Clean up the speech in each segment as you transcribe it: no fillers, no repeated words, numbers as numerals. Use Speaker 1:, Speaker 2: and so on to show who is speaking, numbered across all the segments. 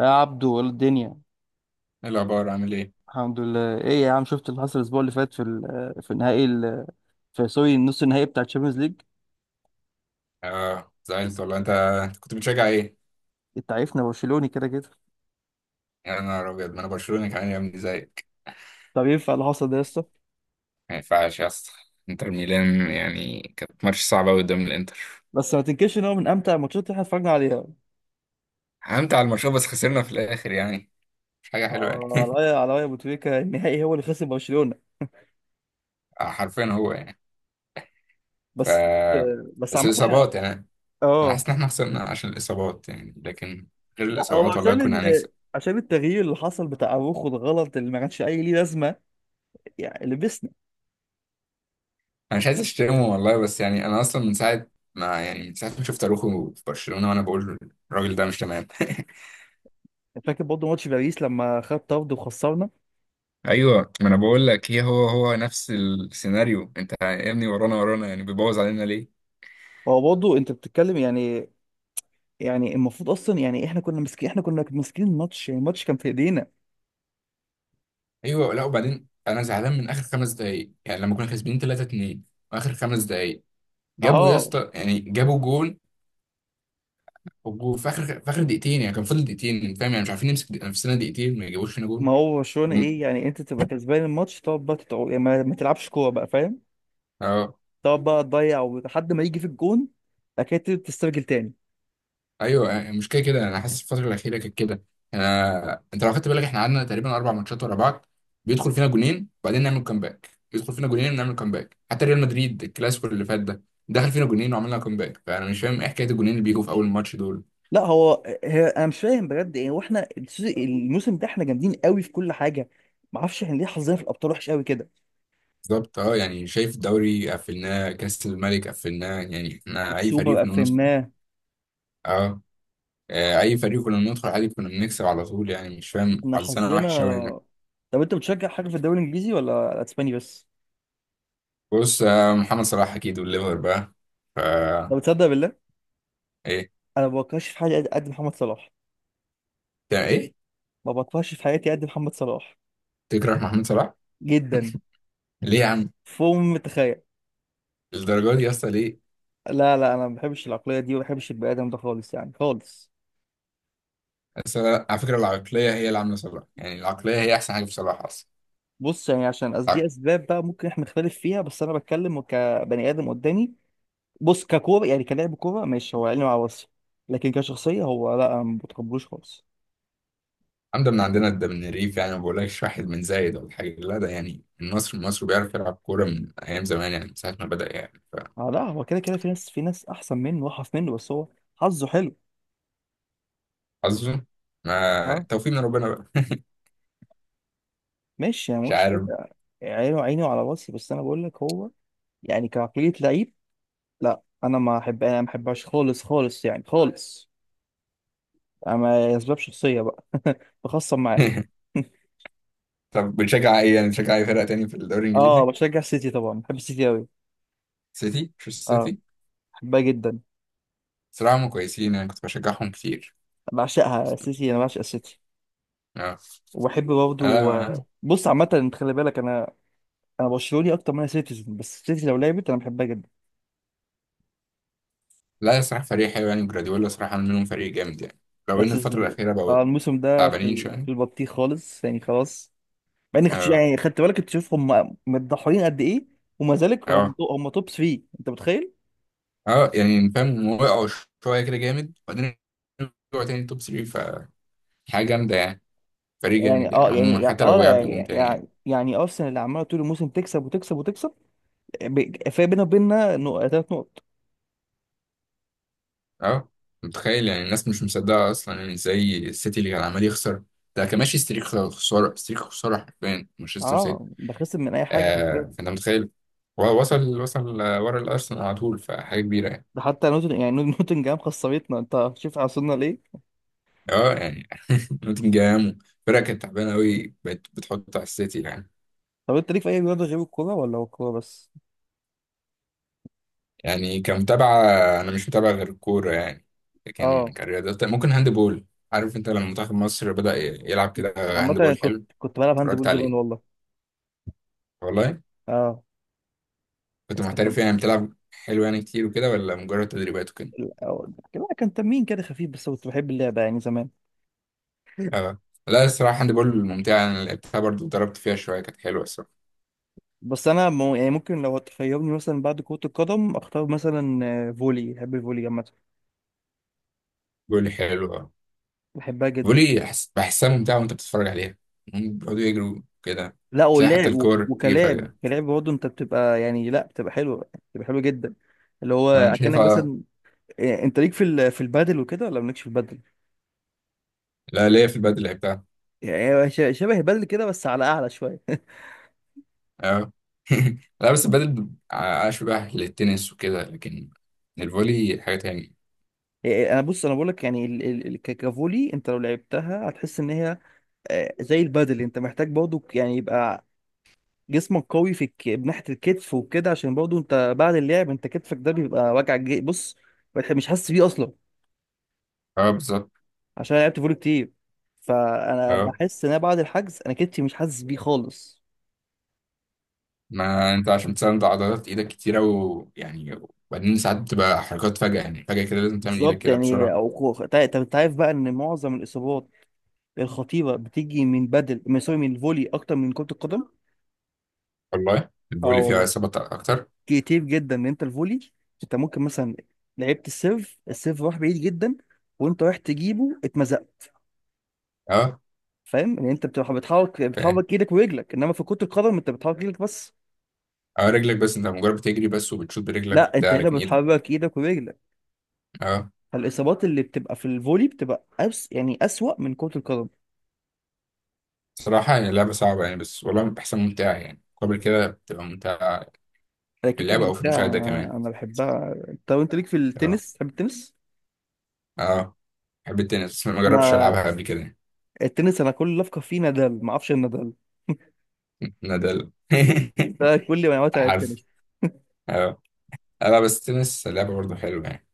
Speaker 1: يا عبدو الدنيا.
Speaker 2: ايه الاخبار، عامل ايه؟
Speaker 1: الحمد لله. ايه يا عم، شفت اللي حصل الاسبوع اللي فات في ال- في النهائي ال- في سوري النص النهائي بتاع الشامبيونز ليج؟
Speaker 2: اه، زعلت والله. أنت كنت بتشجع ايه؟
Speaker 1: انت عارفنا برشلوني كده كده.
Speaker 2: يا نهار ابيض، ما انا برشلوني كمان يا ابني زيك.
Speaker 1: طب ينفع اللي حصل ده يا اسطى؟
Speaker 2: ما ينفعش يا اسطى. انتر ميلان يعني، كانت ماتش صعبه أوي قدام الانتر.
Speaker 1: بس ما تنكرش ان هو من امتع الماتشات اللي احنا اتفرجنا عليها.
Speaker 2: حمت على الماتش بس خسرنا في الاخر يعني، مش حاجه حلوه
Speaker 1: آه،
Speaker 2: يعني.
Speaker 1: على راي على راي ابو تريكه، النهائي هو اللي خسر برشلونه.
Speaker 2: آه، حرفيا هو يعني.
Speaker 1: بس
Speaker 2: ف
Speaker 1: بس
Speaker 2: بس
Speaker 1: عامه احنا.
Speaker 2: الاصابات يعني. انا
Speaker 1: اه،
Speaker 2: حاسس ان احنا خسرنا عشان الاصابات يعني، لكن غير
Speaker 1: لا هو
Speaker 2: الاصابات والله كنا هنكسب.
Speaker 1: عشان التغيير اللي حصل بتاع اروخو، الغلط اللي ما كانش اي ليه لازمه. يعني لبسنا.
Speaker 2: انا مش عايز اشتمه والله، بس يعني انا اصلا من ساعه ما شفت اروخو في برشلونه وانا بقول الراجل ده مش تمام.
Speaker 1: فاكر برضه ماتش باريس لما خد طرد وخسرنا.
Speaker 2: ايوه، ما انا بقول لك، هي هو نفس السيناريو. انت يا ابني ورانا ورانا يعني، بيبوظ علينا ليه؟
Speaker 1: هو برضه انت بتتكلم. يعني يعني المفروض اصلا، يعني احنا كنا ماسكين الماتش، يعني الماتش كان في ايدينا.
Speaker 2: ايوه. لا، وبعدين انا زعلان من اخر خمس دقايق يعني. لما كنا كاسبين 3-2، واخر خمس دقايق جابوا يا
Speaker 1: اه.
Speaker 2: اسطى، يعني جابوا جون. في اخر دقيقتين يعني، كان فاضل دقيقتين فاهم يعني، مش عارفين نمسك نفسنا دقيقتين ما يجيبوش فينا جون.
Speaker 1: ما هو برشلونة
Speaker 2: وم-
Speaker 1: ايه؟ يعني انت تبقى كسبان الماتش تقعد بقى يعني ما تلعبش كوره بقى، فاهم؟
Speaker 2: اه.
Speaker 1: تقعد بقى تضيع ولحد ما يجي في الجون. اكيد تسترجل تاني.
Speaker 2: ايوه. آه، مش كده كده، انا حاسس الفتره الاخيره كانت كده. يعني انت لو خدت بالك، احنا قعدنا تقريبا اربع ماتشات ورا بعض بيدخل فينا جونين وبعدين نعمل كومباك، يدخل فينا جونين ونعمل كومباك. حتى ريال مدريد، الكلاسيكو اللي فات ده، دخل فينا جونين وعملنا كومباك. فانا مش فاهم ايه حكايه الجونين اللي بيجوا في اول ماتش دول.
Speaker 1: لا، انا مش فاهم بجد. يعني واحنا الموسم ده احنا جامدين قوي في كل حاجه. ما اعرفش احنا ليه حظنا في الابطال وحش قوي كده.
Speaker 2: بالظبط. اه يعني شايف، الدوري قفلناه، كاس الملك قفلناه، يعني احنا اي
Speaker 1: السوبر
Speaker 2: فريق كنا بندخل.
Speaker 1: قفلناه.
Speaker 2: اه. اي فريق كنا بندخل عادي كنا بنكسب على طول يعني، مش فاهم
Speaker 1: احنا
Speaker 2: حظنا
Speaker 1: حظنا.
Speaker 2: وحش قوي هنا.
Speaker 1: طب انت بتشجع حاجه في الدوري الانجليزي ولا الاسباني بس؟
Speaker 2: بص، آه، محمد صلاح اكيد والليفر بقى. ف
Speaker 1: طب تصدق بالله؟ انا ما بكرهش في حاجه قد قد محمد صلاح.
Speaker 2: يعني ايه؟
Speaker 1: ما بكرهش في حياتي قد محمد صلاح.
Speaker 2: تكره محمد صلاح؟
Speaker 1: جدا.
Speaker 2: ليه يا عم؟
Speaker 1: فوق ما تتخيل.
Speaker 2: الدرجه دي يا اسطى، ليه؟
Speaker 1: لا، لا، انا ما بحبش العقليه دي، وما بحبش البني ادم ده خالص، يعني خالص.
Speaker 2: على فكره، العقليه هي اللي عامله صلاح يعني، العقليه هي احسن حاجه في صلاح اصلا.
Speaker 1: بص، يعني عشان قصدي
Speaker 2: العق-
Speaker 1: اسباب بقى ممكن احنا نختلف فيها، بس انا بتكلم كبني ادم قدامي. بص، ككوره يعني كلاعب كوره ماشي، هو عيني مع راسي. لكن كشخصيه هو، لا، انا ما بتقبلوش خالص.
Speaker 2: الحمد من عندنا، ده من الريف يعني، ما بقولكش واحد من زايد ولا حاجه، لا ده يعني النصر المصري بيعرف يلعب كوره من ايام زمان يعني، من ساعه ما بدا يعني.
Speaker 1: اه، لا، هو كده كده في ناس احسن منه، واحف منه، بس هو حظه حلو.
Speaker 2: فحظه. ما
Speaker 1: اه.
Speaker 2: توفيق من ربنا بقى.
Speaker 1: ماشي، يعني ما
Speaker 2: مش
Speaker 1: قلتش
Speaker 2: عارف.
Speaker 1: حاجه. عينه عيني وعلى راسي، بس انا بقول لك هو يعني كعقليه لعيب، لا انا ما بحبهاش خالص خالص، يعني خالص. اما اسباب شخصيه بقى بخصم معاه.
Speaker 2: طب بتشجع ايه يعني، بتشجع اي فرقه تاني في الدوري
Speaker 1: اه،
Speaker 2: الانجليزي؟
Speaker 1: بشجع السيتي طبعا، بحب السيتي قوي.
Speaker 2: سيتي، مش
Speaker 1: اه.
Speaker 2: سيتي؟
Speaker 1: بحبها جدا.
Speaker 2: صراحه هم كويسين يعني، كنت بشجعهم كتير.
Speaker 1: بعشقها السيتي، انا بعشق السيتي.
Speaker 2: اه.
Speaker 1: وبحب برضه.
Speaker 2: أنا.
Speaker 1: بص، عامه انت خلي بالك، انا انا برشلوني اكتر من انا سيتيزن، بس السيتي لو لعبت انا بحبها جدا.
Speaker 2: لا الصراحة فريق حلو يعني، وجراديولا صراحة عامل منهم فريق جامد يعني. لو إن
Speaker 1: بس الز-
Speaker 2: الفترة الأخيرة بقوا
Speaker 1: اه الموسم ده في
Speaker 2: تعبانين
Speaker 1: في
Speaker 2: شوية.
Speaker 1: البطيخ خالص، يعني خلاص. مع اني كنت
Speaker 2: أه.
Speaker 1: يعني خدت بالك تشوف هم متضحيين قد ايه؟ وما ذلك هم
Speaker 2: أه.
Speaker 1: هم توب 3، انت متخيل؟
Speaker 2: أه يعني فاهم، وقعوا شوية كده جامد وبعدين رجعوا تاني توب 3، فحاجة جامدة يعني. فريق
Speaker 1: يعني
Speaker 2: جامد
Speaker 1: اه
Speaker 2: يعني
Speaker 1: يعني
Speaker 2: عموما،
Speaker 1: يعني-
Speaker 2: حتى
Speaker 1: اه
Speaker 2: لو
Speaker 1: لا
Speaker 2: وقع
Speaker 1: يعني
Speaker 2: بيقوم تاني يعني.
Speaker 1: يعني يعني ارسنال اللي عماله طول الموسم تكسب وتكسب وتكسب. فرق بينها وبيننا 3 نقط.
Speaker 2: أه، متخيل يعني، الناس مش مصدقة أصلا يعني، إزاي السيتي اللي كان عمال يخسر، ده كان ماشي ستريك خسارة، ستريك خسارة، حرفيا مانشستر سيتي.
Speaker 1: اه، ده خسر من اي حاجه
Speaker 2: أه،
Speaker 1: حرفيا.
Speaker 2: فأنت متخيل. هو وصل، وصل ورا الأرسنال على طول، فحاجة كبيرة يعني.
Speaker 1: ده حتى نوتن يعني نوتنجهام خسرتنا. انت شوف وصلنا ليه.
Speaker 2: اه يعني نوتنجهام، فرقة كانت تعبانة أوي بقت بتحط على السيتي يعني.
Speaker 1: طب انت ليك في اي رياضه غير الكوره ولا هو الكوره بس؟
Speaker 2: يعني كمتابعة، أنا مش متابع غير الكورة يعني، لكن
Speaker 1: اه،
Speaker 2: كرياضات ممكن هاند بول. عارف أنت لما منتخب مصر بدأ يلعب كده
Speaker 1: عامه
Speaker 2: هاند
Speaker 1: أنا
Speaker 2: بول
Speaker 1: كنت
Speaker 2: حلو،
Speaker 1: كنت بلعب هاند
Speaker 2: اتفرجت
Speaker 1: بول زمان
Speaker 2: عليه.
Speaker 1: والله.
Speaker 2: والله
Speaker 1: اه،
Speaker 2: كنت
Speaker 1: بس كان
Speaker 2: محترف يعني، بتلعب حلو يعني كتير وكده، ولا مجرد تدريبات وكده؟
Speaker 1: لا، كان تمرين كده خفيف، بس كنت بحب اللعبه يعني زمان.
Speaker 2: اه. لا الصراحة هاند بول ممتعة، أنا لعبتها برضه، ضربت فيها شوية، كانت حلوة الصراحة.
Speaker 1: بس انا يعني ممكن لو تخيرني مثلا بعد كره القدم اختار مثلا فولي، بحب الفولي عامه.
Speaker 2: جول حلو.
Speaker 1: بحبها
Speaker 2: بيقول
Speaker 1: جدا.
Speaker 2: لي بحسها ممتعة وأنت بتتفرج عليها، هم بيقعدوا يجروا كده،
Speaker 1: لا،
Speaker 2: تلاقي حتى
Speaker 1: ولعب
Speaker 2: الكور تيجي
Speaker 1: وكلاب
Speaker 2: فجأة.
Speaker 1: كلاب برضه، انت بتبقى، يعني لا بتبقى حلو. بتبقى حلو جدا. اللي هو
Speaker 2: أنا
Speaker 1: اكنك
Speaker 2: شايفها.
Speaker 1: مثلا. إيه، انت ليك في في البادل وكده ولا مالكش في البادل؟
Speaker 2: لا ليا في البدل بتاع.
Speaker 1: يعني هو شبه البادل كده، بس على اعلى شويه
Speaker 2: أه. لا، بس البدل أشبه للتنس وكده، لكن الفولي حاجة تانية.
Speaker 1: يعني انا بص، انا بقول لك يعني ككافولي، انت لو لعبتها هتحس ان هي زي البادل، انت محتاج برضه يعني يبقى جسمك قوي ناحيه الكتف وكده، عشان برضه انت بعد اللعب انت كتفك ده بيبقى وجع بص، مش حاسس بيه اصلا.
Speaker 2: أه بالظبط.
Speaker 1: عشان أنا لعبت فولي كتير، فانا
Speaker 2: أه،
Speaker 1: بحس ان أنا بعد الحجز انا كتفي مش حاسس بيه خالص.
Speaker 2: ما أنت عشان تساند عضلات إيدك كتيرة ويعني، وبعدين ساعات بتبقى حركات فجأة يعني، فجأة كده لازم تعمل إيدك
Speaker 1: بالظبط،
Speaker 2: كده
Speaker 1: يعني
Speaker 2: بسرعة.
Speaker 1: طب انت عارف بقى ان معظم الاصابات الخطيره بتيجي من بدل من سوري من الفولي اكتر من كره القدم.
Speaker 2: والله
Speaker 1: اه
Speaker 2: الفولي فيها
Speaker 1: والله.
Speaker 2: إصابات أكتر.
Speaker 1: كتير جدا، ان انت الفولي، انت ممكن مثلا لعبت السيرف، السيرف راح بعيد جدا وانت رايح تجيبه اتمزقت.
Speaker 2: أه
Speaker 1: فاهم ان انت بتروح بتحرك
Speaker 2: فاهم.
Speaker 1: بتحرك ايدك ورجلك، انما في كرة القدم انت بتحرك ايدك بس.
Speaker 2: أه، رجلك بس، أنت مجرد بتجري بس وبتشوط برجلك
Speaker 1: لا، انت
Speaker 2: وبتاع،
Speaker 1: هنا
Speaker 2: لكن إيدك.
Speaker 1: بتحرك ايدك ورجلك.
Speaker 2: أه.
Speaker 1: فالاصابات اللي بتبقى في الفولي بتبقى أس... يعني اسوأ من كرة القدم.
Speaker 2: صراحة هي لعبة صعبة يعني، بس والله بتحسن ممتعة يعني، قبل كده بتبقى ممتعة.
Speaker 1: هي
Speaker 2: في
Speaker 1: كيكه
Speaker 2: اللعبة أو في
Speaker 1: ممتعه،
Speaker 2: المشاهدة كمان؟
Speaker 1: انا بحبها. طب انت ليك في
Speaker 2: اه.
Speaker 1: التنس؟ تحب التنس؟
Speaker 2: اه، بحب التنس، بس ما جربتش ألعبها
Speaker 1: انا
Speaker 2: قبل كده.
Speaker 1: التنس، انا كل اللي افكر فيه نادال. ما اعرفش إيه نادال.
Speaker 2: نادال.
Speaker 1: ده كل معلوماتي عن
Speaker 2: عارف.
Speaker 1: التنس.
Speaker 2: اه. أه، لا بس التنس لعبة برضه حلوة يعني.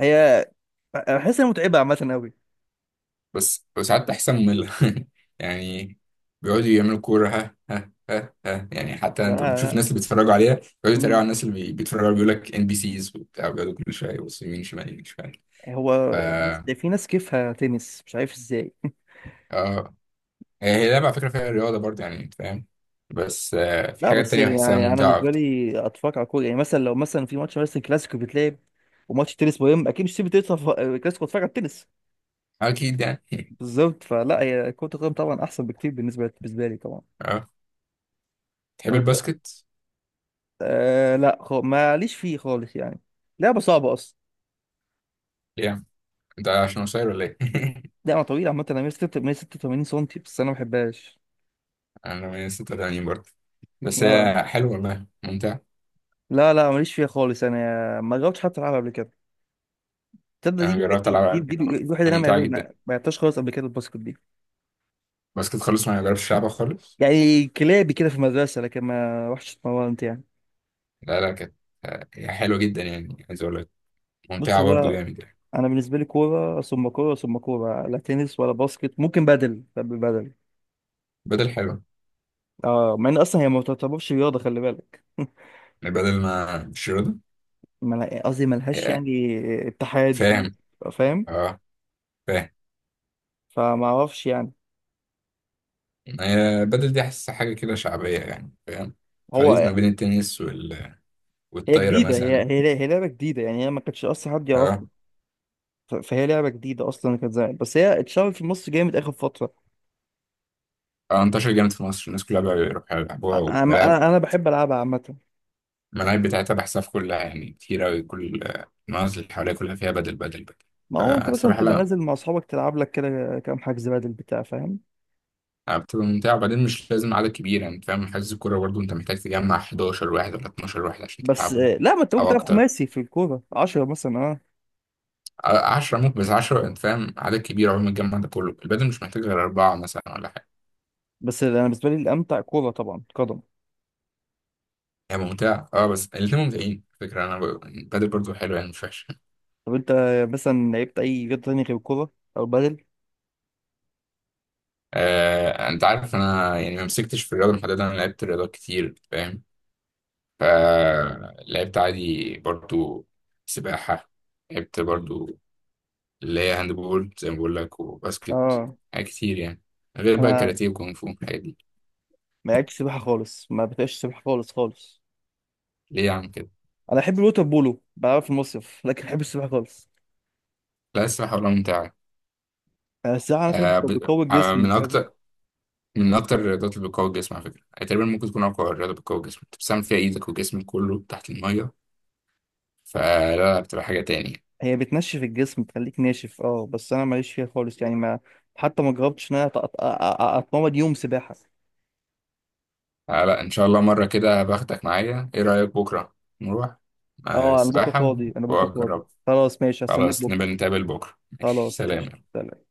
Speaker 1: هي بحس انها متعبه عامه قوي.
Speaker 2: بس وساعات بحسها مملة. يعني بيقعدوا يعملوا كورة، ها ها ها ها، يعني حتى
Speaker 1: لا،
Speaker 2: أنت بتشوف
Speaker 1: لا.
Speaker 2: الناس اللي بيتفرجوا عليها بيقعدوا يتريقوا على
Speaker 1: امم
Speaker 2: الناس اللي بيتفرجوا عليها، بيقول لك إن بي سيز وبتاع، بيقعدوا كل شوية يبصوا يمين شمال يمين شمال. ف
Speaker 1: هو بص، ده في ناس كيفها تنس، مش عارف ازاي.
Speaker 2: اه. هي لعبة على فكرة فيها رياضة برضه يعني، أنت فاهم، بس آه، في
Speaker 1: لا،
Speaker 2: حاجات
Speaker 1: بس
Speaker 2: تانية بحسها
Speaker 1: يعني انا
Speaker 2: ممتعة
Speaker 1: بالنسبه
Speaker 2: أكتر.
Speaker 1: لي اتفرج على كوره، يعني مثلا لو مثلا في ماتش مثلا كلاسيكو بيتلعب وماتش تنس مهم، اكيد مش سيب تنس كلاسيكو اتفرج على التنس.
Speaker 2: أكيد يعني.
Speaker 1: بالظبط. فلا، هي كرة القدم طبعا أحسن بكتير بالنسبة لي طبعا.
Speaker 2: أه. تحب
Speaker 1: طب أنت.
Speaker 2: الباسكت؟
Speaker 1: آه، لا، ماليش فيه خالص يعني، لعبة صعبة أصلا،
Speaker 2: ليه؟ أنت عشان قصير ولا إيه؟
Speaker 1: لعبة طويلة عامة. أنا 186 سم، بس أنا ما بحبهاش.
Speaker 2: أنا من 86 برضه، بس
Speaker 1: اه،
Speaker 2: هي حلوة والله، ممتعة.
Speaker 1: لا، لا، ماليش فيها خالص، أنا ما جربتش حتى ألعبها قبل كده. تصدق دي
Speaker 2: أنا جربت
Speaker 1: دي
Speaker 2: ألعبها
Speaker 1: دي,
Speaker 2: قبل
Speaker 1: دي,
Speaker 2: كده
Speaker 1: دي
Speaker 2: والله،
Speaker 1: الوحيدة اللي أنا
Speaker 2: ممتعة جدا.
Speaker 1: ما لعبتهاش خالص قبل كده، الباسكت دي.
Speaker 2: الباسكت خالص ما جربتش ألعبها خالص.
Speaker 1: يعني كلابي كده في المدرسة، لكن ما رحتش اتمرنت يعني.
Speaker 2: لا لا، كانت آه، هي حلوة جدا يعني، عايز أقول لك،
Speaker 1: بص،
Speaker 2: ممتعة
Speaker 1: هو
Speaker 2: برضه جامد يعني.
Speaker 1: أنا بالنسبة لي كورة ثم كورة ثم كورة، لا تنس ولا باسكت. ممكن بدل، بحب بدل.
Speaker 2: بدل حلوة.
Speaker 1: اه، مع ان اصلا هي ما تعتبرش رياضه، خلي بالك
Speaker 2: يعني بدل ما مش رياضة.
Speaker 1: ما أنا- قصدي ملهاش
Speaker 2: آه،
Speaker 1: يعني اتحاد في
Speaker 2: فاهم.
Speaker 1: مصر. فاهم.
Speaker 2: أه فاهم.
Speaker 1: فما اعرفش يعني.
Speaker 2: هي بدل دي حاسس حاجة كده شعبية يعني، فاهم، خليط
Speaker 1: هو
Speaker 2: ما بين التنس
Speaker 1: هي
Speaker 2: والطايرة
Speaker 1: جديده هي
Speaker 2: مثلا.
Speaker 1: هي هي لعبه جديده، يعني هي ما كانتش اصلا حد يعرفها.
Speaker 2: اه.
Speaker 1: فهي لعبه جديده اصلا، كانت زمان بس هي اتشهرت في مصر جامد اخر فتره.
Speaker 2: اه، انتشر جامد في مصر، الناس كلها بقى بيروحوا يلعبوها،
Speaker 1: انا انا
Speaker 2: والملاعب،
Speaker 1: أنا بحب العبها عامه.
Speaker 2: الملاعب بتاعتها بحسها في كلها يعني، كتير أوي كل آه، المناطق اللي حواليها كلها فيها بدل بدل بدل.
Speaker 1: ما هو انت مثلا
Speaker 2: فالصراحة
Speaker 1: تبقى
Speaker 2: لا،
Speaker 1: نازل مع اصحابك تلعب لك كده كام حجز بدل بتاع، فاهم.
Speaker 2: آه، بتبقى ممتعة، وبعدين مش لازم عدد كبير يعني فاهم. حجز الكورة برضه أنت محتاج تجمع 11 واحد ولا 12 واحد عشان
Speaker 1: بس
Speaker 2: تلعبه.
Speaker 1: لا، ما انت ممكن
Speaker 2: أو
Speaker 1: تلعب
Speaker 2: أكتر.
Speaker 1: خماسي في الكوره، 10 مثلا، اه.
Speaker 2: 10 ممكن، بس 10 أنت فاهم، عدد كبير عقبال ما تجمع ده كله. البدل مش محتاج غير أربعة مثلا ولا حاجة.
Speaker 1: بس انا بالنسبه لي الامتع كوره، طبعا قدم.
Speaker 2: هي ممتعة اه، بس الاتنين ممتعين على فكرة، انا البادل برضو حلو يعني، مش وحش.
Speaker 1: طب انت مثلا لعبت اي رياضه تانية غير الكوره او البادل؟
Speaker 2: آه انت عارف انا يعني ما مسكتش في الرياضة محددة، انا لعبت رياضات كتير فاهم. فلعبت عادي برضو سباحة، لعبت برضو اللي هي هاند بول زي ما بقول لك، وباسكت،
Speaker 1: اه،
Speaker 2: حاجات كتير يعني، غير بقى
Speaker 1: انا
Speaker 2: كاراتيه وكونغ فو الحاجات دي.
Speaker 1: ما لعبتش سباحه خالص، ما بتبقاش سباحه خالص خالص.
Speaker 2: ليه يا عم كده؟
Speaker 1: انا احب الوتر بولو، بعرف المصيف، لكن احب السباحه خالص.
Speaker 2: لا السباحة ولا ممتعة.
Speaker 1: انا السباحه على فكره
Speaker 2: آه
Speaker 1: بتقو- بتقوي
Speaker 2: آه
Speaker 1: الجسم
Speaker 2: من
Speaker 1: بجد؟
Speaker 2: أكتر من أكتر الرياضات اللي بتقوي الجسم على فكرة يعني، تقريبا ممكن تكون أقوى رياضة بتقوي الجسم. أنت بتستعمل فيها إيدك وجسمك كله تحت المية، فلا لا، بتبقى حاجة تاني.
Speaker 1: هي بتنشف الجسم، بتخليك ناشف. اه، بس انا ماليش فيها خالص، يعني ما حتى ما جربتش ان انا اتمرن يوم سباحه.
Speaker 2: آه لا، إن شاء الله مرة كده باخدك معايا، إيه رأيك بكرة؟ نروح؟ آه
Speaker 1: اه، انا بكره
Speaker 2: السباحة،
Speaker 1: فاضي،
Speaker 2: وأجرب.
Speaker 1: خلاص، ماشي، هستناك
Speaker 2: خلاص
Speaker 1: بكره.
Speaker 2: نبقى نتقابل بكرة، ماشي
Speaker 1: خلاص قشطه،
Speaker 2: سلام.
Speaker 1: سلام.